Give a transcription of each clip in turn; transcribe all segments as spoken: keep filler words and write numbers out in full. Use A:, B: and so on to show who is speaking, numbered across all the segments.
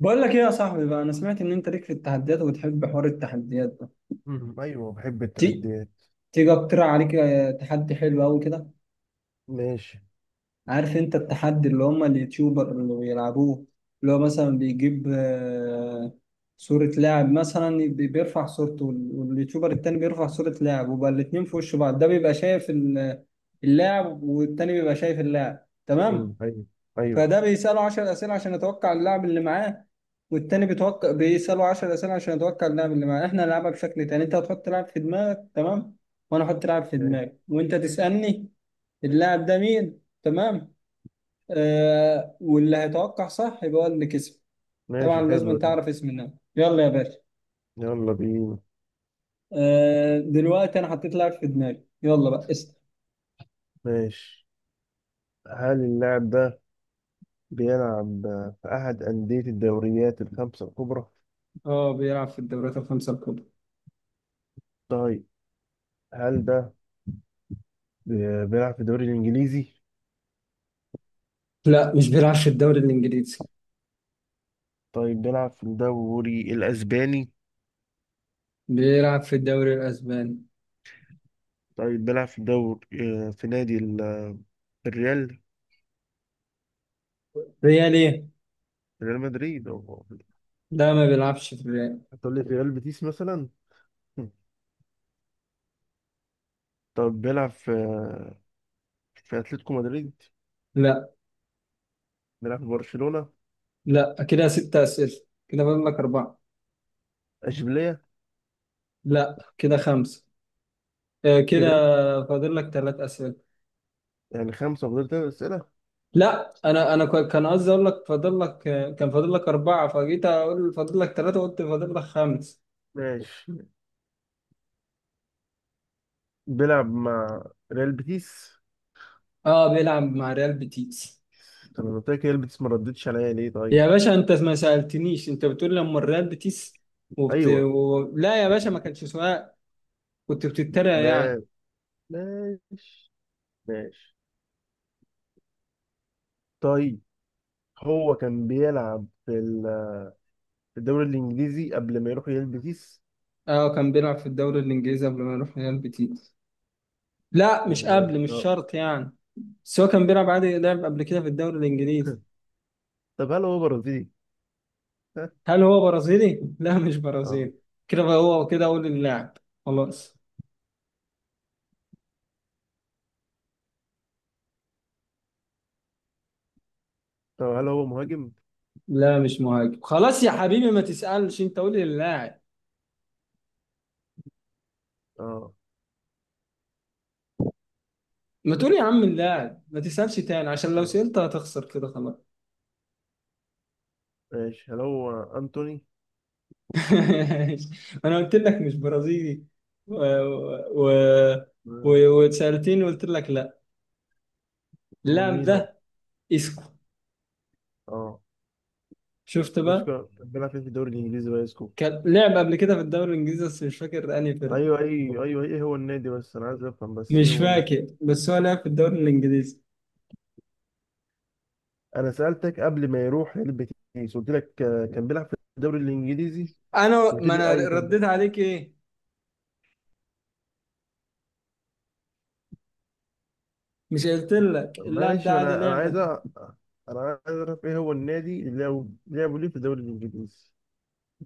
A: بقول لك ايه يا صاحبي بقى، انا سمعت ان انت ليك في التحديات وبتحب حوار التحديات ده.
B: مم. ايوه، بحب
A: تي
B: التحديات.
A: تيجي اقترح عليك آه، تحدي حلو قوي كده.
B: ماشي.
A: عارف انت التحدي اللي هم اليوتيوبر اللي بيلعبوه؟ اللي هو مثلا بيجيب آه، صورة لاعب، مثلا بي- بيرفع صورته وال- واليوتيوبر التاني بيرفع صورة لاعب، وبقى الاتنين في وش بعض، ده بيبقى شايف ال- اللاعب والتاني بيبقى شايف اللاعب،
B: مم.
A: تمام؟
B: ايوه، ايوه.
A: فده بيسأله 10 أسئلة عشان يتوقع اللاعب اللي معاه، والتاني بيتوقع بيسأله 10 أسئلة عشان يتوقع اللاعب اللي معاه. احنا نلعبها بشكل تاني، انت هتحط لاعب في دماغك، تمام؟ وانا احط لاعب في
B: ماشي.
A: دماغي، وانت تسألني اللاعب ده مين، تمام؟ آه، واللي هيتوقع صح يبقى هو اللي كسب. طبعا
B: ماشي، حلوة
A: لازم
B: دي.
A: تعرف اسم اللاعب. يلا يا باشا.
B: يلا بينا.
A: آه دلوقتي انا حطيت لاعب في دماغي، يلا بقى اسأل.
B: ماشي. هل اللاعب ده بيلعب في أحد أندية الدوريات الخمسة الكبرى؟
A: اه بيلعب في الدوريات الخمسة الكبرى.
B: طيب، هل ده بي- بيلعب في الدوري الإنجليزي؟
A: لا مش بيلعب في الدوري الإنجليزي.
B: طيب، بيلعب في الدوري الأسباني؟
A: بيلعب في الدوري الأسباني.
B: طيب، بيلعب في الدوري آه، في نادي ال- آه، الريال.
A: ريال ايه؟
B: ريال مدريد أو...
A: لا ما بيلعبش في الريال.
B: هتقول لي في ريال بيتيس مثلا؟ طب بيلعب في في أتلتيكو مدريد؟
A: لا.
B: بيلعب في برشلونة.
A: لا كده ستة أسئلة، كده فاضل لك أربعة.
B: اشبيليه.
A: لا كده خمسة. آه، كده
B: ريال.
A: فاضل لك ثلاث أسئلة.
B: يعني خمسة وفضلت تلات أسئلة.
A: لا أنا أنا كو- كان قصدي أقول لك فاضل لك آه، كان فاضل لك أربعة، فجيت أقول فاضل لك ثلاثة، قلت فاضل لك خمس.
B: ماشي. بيلعب مع ريال بيتيس.
A: أه بيلعب مع ريال بيتيس.
B: طب انا قلت لك ريال بيتيس، ما ردتش عليا ليه، طيب؟
A: يا باشا أنت ما سألتنيش، أنت بتقول لما الريال بيتيس وبت...
B: ايوه.
A: و... لا يا باشا، ما كانش سؤال، كنت بتتريق يعني.
B: ما ماشي، ماشي. طيب، هو كان بيلعب في ال- في الدوري الانجليزي قبل ما يروح ريال بيتيس.
A: أه كان بيلعب في الدوري الإنجليزي قبل ما يروح ريال بيتيس. لا مش قبل،
B: ماشي.
A: مش
B: اه.
A: شرط يعني، بس هو كان بيلعب عادي، لعب قبل كده في الدوري الانجليزي.
B: طب هل هو برازيلي؟ ها؟
A: هل هو برازيلي؟ لا مش
B: اه.
A: برازيلي. كده بقى هو كده اقول اللاعب. خلاص.
B: طب هل هو مهاجم؟
A: لا مش مهاجم، خلاص يا حبيبي ما تسألش، انت قول اللاعب.
B: اه.
A: ما تقول يا عم اللاعب، ما تسألش تاني عشان لو
B: اه،
A: سألت هتخسر كده خلاص.
B: ماشي. هل هو انتوني؟
A: انا قلت لك مش برازيلي و... و... و...
B: مم.
A: وسألتني وقلت لك لا.
B: امال
A: اللاعب
B: مين
A: ده
B: هو؟
A: اسكو.
B: اه.
A: شفت
B: مش
A: بقى.
B: كان بيلعب فين في الدوري الانجليزي بقى يا اسكو؟
A: كان لعب قبل كده في الدوري الانجليزي، بس مش فاكر انهي فرقه.
B: ايوه، ايوه، ايوه، ايه هو النادي؟ بس انا عايز افهم، بس ايه
A: مش
B: هو الن-
A: فاكر، بس هو لعب في الدوري الانجليزي.
B: انا سالتك قبل ما يروح ريال بيتيس، قلت لك آه، كان بيلعب في الدوري الانجليزي.
A: انا
B: قلت
A: ما
B: لي
A: انا
B: ايوه كان بيلعب.
A: رديت عليك ايه؟ مش قلت لك
B: طب
A: اللاعب
B: ماشي،
A: ده
B: ما
A: عادي
B: انا انا عايز أ-
A: لعبه؟
B: انا عايز اعرف ايه هو النادي اللي لعبوا لعبوا ليه في الدوري الانجليزي.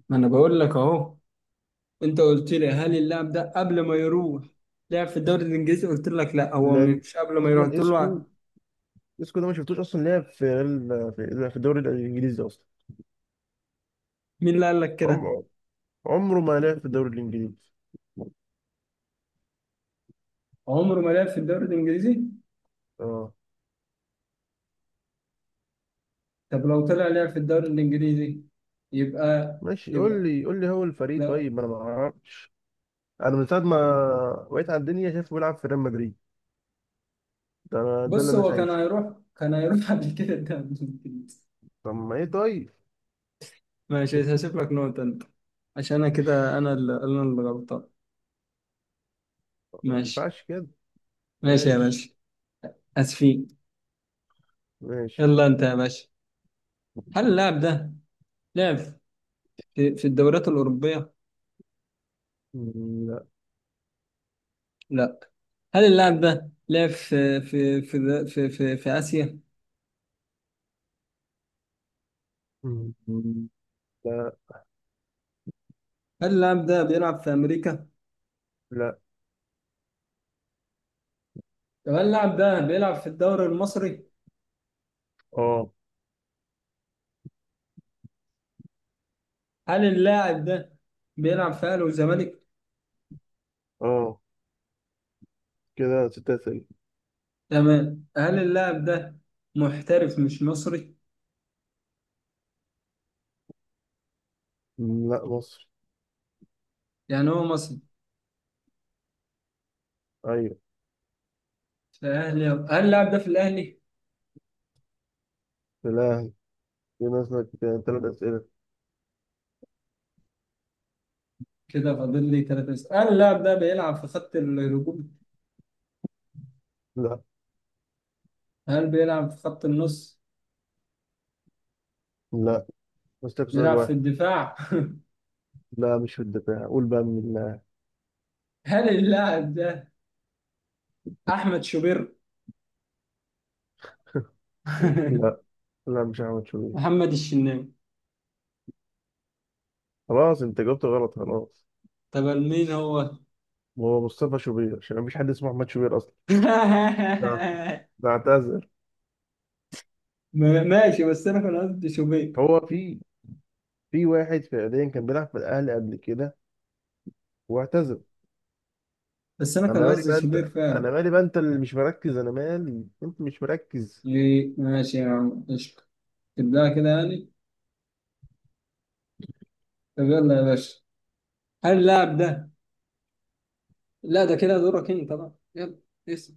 A: ما انا بقول لك اهو، انت قلت لي هل اللاعب ده قبل ما يروح لعب في الدوري الانجليزي، قلت لك لا، هو
B: لان
A: مش قبل ما يروح
B: اصلا
A: قلت
B: اسكو
A: له.
B: اسكو ده ما شفتوش اصلا لعب في ريال- في في الدوري الانجليزي اصلا.
A: مين اللي قال لك كده؟
B: عمره عمره ما لعب في الدوري الانجليزي.
A: عمره ما لعب في الدوري الانجليزي.
B: اه.
A: طب لو طلع لعب في الدوري الانجليزي يبقى.
B: ماشي، قول
A: يبقى
B: لي قول لي هو الفريق
A: لا
B: طيب، انا ما اعرفش. انا من ساعه ما وقيت على الدنيا شايفه بيلعب في ريال مدريد. ده أنا- ده اللي
A: بص،
B: انا
A: هو كان
B: شايفه.
A: هيروح، كان هيروح قبل كده الدوري الانجليزي.
B: طب ما ايه طيب.
A: ماشي هسيب لك نقطة أنت، عشان أنا كده أنا اللي أنا اللي غلطان.
B: ما
A: ماشي.
B: ينفعش كده.
A: ماشي يا
B: ماشي.
A: باشا، آسفين.
B: ماشي.
A: يلا أنت يا باشا، هل اللاعب ده لعب في, في الدوريات الأوروبية؟
B: مم، لا.
A: لا. هل اللاعب ده لعب في في في في في, في آسيا؟
B: مم، لا.
A: هل اللاعب ده بيلعب في أمريكا؟
B: لا.
A: طب هل اللاعب ده بيلعب في الدوري المصري؟
B: اه.
A: هل اللاعب ده بيلعب في أهلي وزمالك؟
B: اه، كده ست اسئله.
A: تمام. هل اللاعب ده محترف مش مصري؟
B: مم، لا، مصر.
A: يعني هو مصري.
B: ايوه.
A: في أهلي، هل اللاعب ده في الأهلي؟
B: الاهلي. كده ناقصك ثلاث اسئله.
A: كده فاضل لي ثلاثة أسئلة. هل اللاعب ده بيلعب في خط الهجوم؟
B: لا.
A: هل بيلعب في خط النص؟
B: لا، ناقصك سؤال
A: بيلعب في
B: واحد.
A: الدفاع؟
B: لا مش في الدفاع، قول بقى من الله.
A: هل اللاعب ده أحمد شوبير؟
B: لا. لا، مش احمد شوبير.
A: محمد الشناوي.
B: خلاص انت جاوبت غلط، خلاص.
A: طب مين هو؟
B: هو مصطفى شوبير، عشان مفيش حد اسمه احمد شوبير اصلا. ده ده اعتذر.
A: ما- ماشي، بس أنا كان قصدي شوبير.
B: هو في في واحد فعليا كان بيلعب في الاهلي قبل كده واعتزل.
A: بس أنا
B: انا
A: كان
B: مالي
A: قصدي
B: بقى انت،
A: شوبير
B: انا
A: فعلا.
B: مالي بقى انت اللي مش مركز، انا مالي انت مش مركز.
A: ليه؟ ماشي يا عم قشطة، تبدأ كده يعني؟ طب يلا يا باشا، هل اللاعب ده؟ لا ده كده دورك أنت بقى، يلا اسأل.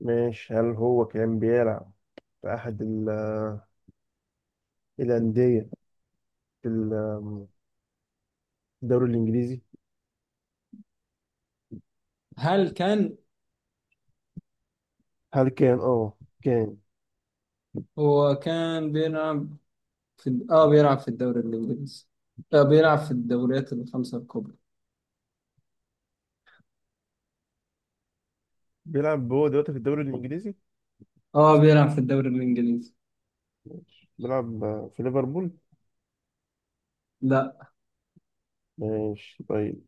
B: ماشي، هل هو كان بيلعب في احد ال- الانديه في ال- الدوري الانجليزي؟
A: هل كان
B: هل كان اه كان
A: هو كان بيلعب في ال- اه بيلعب في الدوري الانجليزي. آه بيلعب في الدوريات الخمسة الكبرى.
B: بيلعب هو دلوقتي في الدوري الانجليزي؟
A: اه بيلعب في الدوري الانجليزي.
B: بيلعب آه، في ليفربول.
A: لا.
B: ماشي، طيب.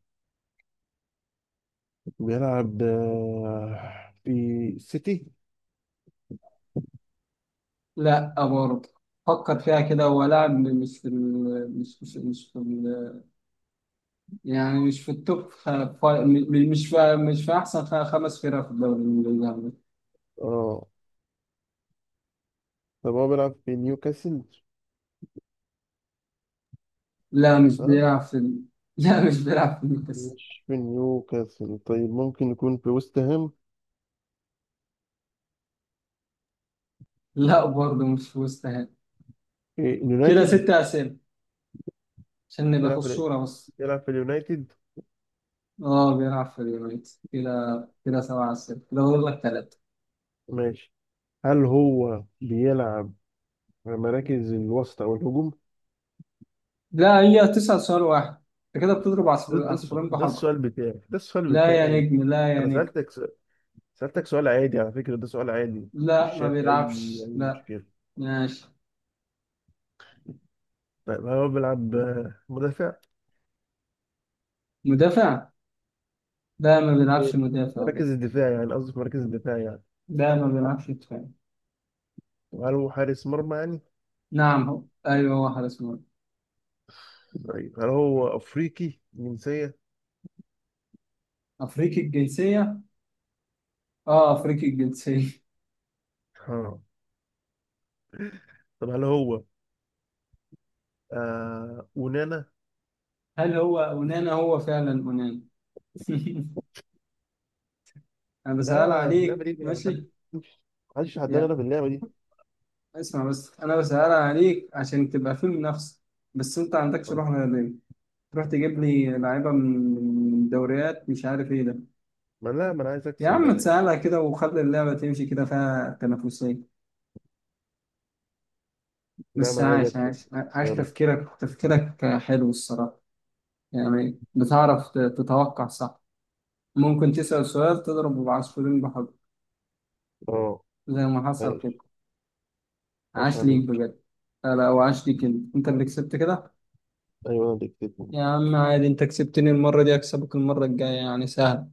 B: بيلعب آه، في سيتي.
A: لا آه، برضه. فكر فيها كده، هو لاعب مش في ال... مش مش مش في ال... يعني مش في التوب خ... ف... م- مش في، مش في احسن خ... خمس فرق في الدوري الانجليزي عامة.
B: اه. طب هو بيلعب في نيوكاسل؟
A: لا مش
B: اه،
A: بيلعب في ال... لا مش بيلعب في نيوكاسل.
B: مش في نيوكاسل. طيب، ممكن يكون في ويست هام؟
A: لا برضه مش في وست هام.
B: إيه،
A: كده
B: اليونايتد.
A: ست اسئله، عشان نبقى في
B: بيلعب في ال-
A: الصوره بس.
B: بيلعب في اليونايتد.
A: اه بيلعب في اليونايتد كده، كده سبعة أسئلة، كده فاضل لك ثلاثة.
B: ماشي. هل هو بيلعب في مراكز الوسط او الهجوم؟
A: لا هي تسأل سؤال واحد، انت كده بتضرب عصف-
B: ده, ده,
A: عصفورين
B: ده
A: بحجر.
B: السؤال بتاعي، ده السؤال
A: لا يا
B: بتاعي.
A: نجم، لا يا
B: انا
A: نجم.
B: سألتك س- سألتك سؤال عادي، على فكرة ده سؤال عادي. مش
A: لا ما
B: شايف اي
A: بيلعبش،
B: اي
A: لا.
B: مشكلة.
A: ماشي.
B: طيب، هل هو بيلعب آه، مدافع؟
A: مدافع؟ لا ما
B: إيه،
A: بيلعبش مدافع ده.
B: مراكز الدفاع يعني، قصدي في مراكز الدفاع يعني.
A: لا ما بيلعبش مدافع.
B: طب هل هو حارس مرمى يعني؟
A: نعم هو، ايوه هو حارس مرمى.
B: طيب، هل هو افريقي جنسية؟
A: افريقي الجنسية. اه افريقي الجنسية.
B: ها؟ طب هل هو آه ونانا؟
A: هل هو اونانا؟ هو فعلا اونانا. انا
B: لا،
A: بسأل
B: لا، اللعبه
A: عليك
B: دي ما
A: ماشي
B: حدش حداني
A: يا.
B: انا في اللعبه دي.
A: اسمع بس، انا بسأل عليك عشان تبقى في منافسة، بس انت عندكش
B: آه.
A: روح رياضية، تروح تجيب لي لعيبة من من دوريات مش عارف ايه ده.
B: ما لا، ما انا عايز
A: يا
B: اكسب
A: عم
B: يعني.
A: تسهلها كده وخلي اللعبة تمشي كده فيها تنافسية.
B: لا،
A: بس
B: ما انا عايز
A: عاش
B: اكسب.
A: عاش عاش،
B: يلا.
A: تفكيرك تفكيرك حلو الصراحة. يعني بتعرف ت- تتوقع صح، ممكن تسأل سؤال تضرب بعصفورين بحجر
B: اه.
A: زي ما حصل كده.
B: عايش. عاش
A: عاش ليك
B: عليك.
A: بجد. لا لا وعاش ليك انت، انت اللي كسبت كده.
B: ايوه، انا ديكتاتور.
A: يا عم عادي، انت كسبتني المرة دي اكسبك المرة الجاية، يعني سهل.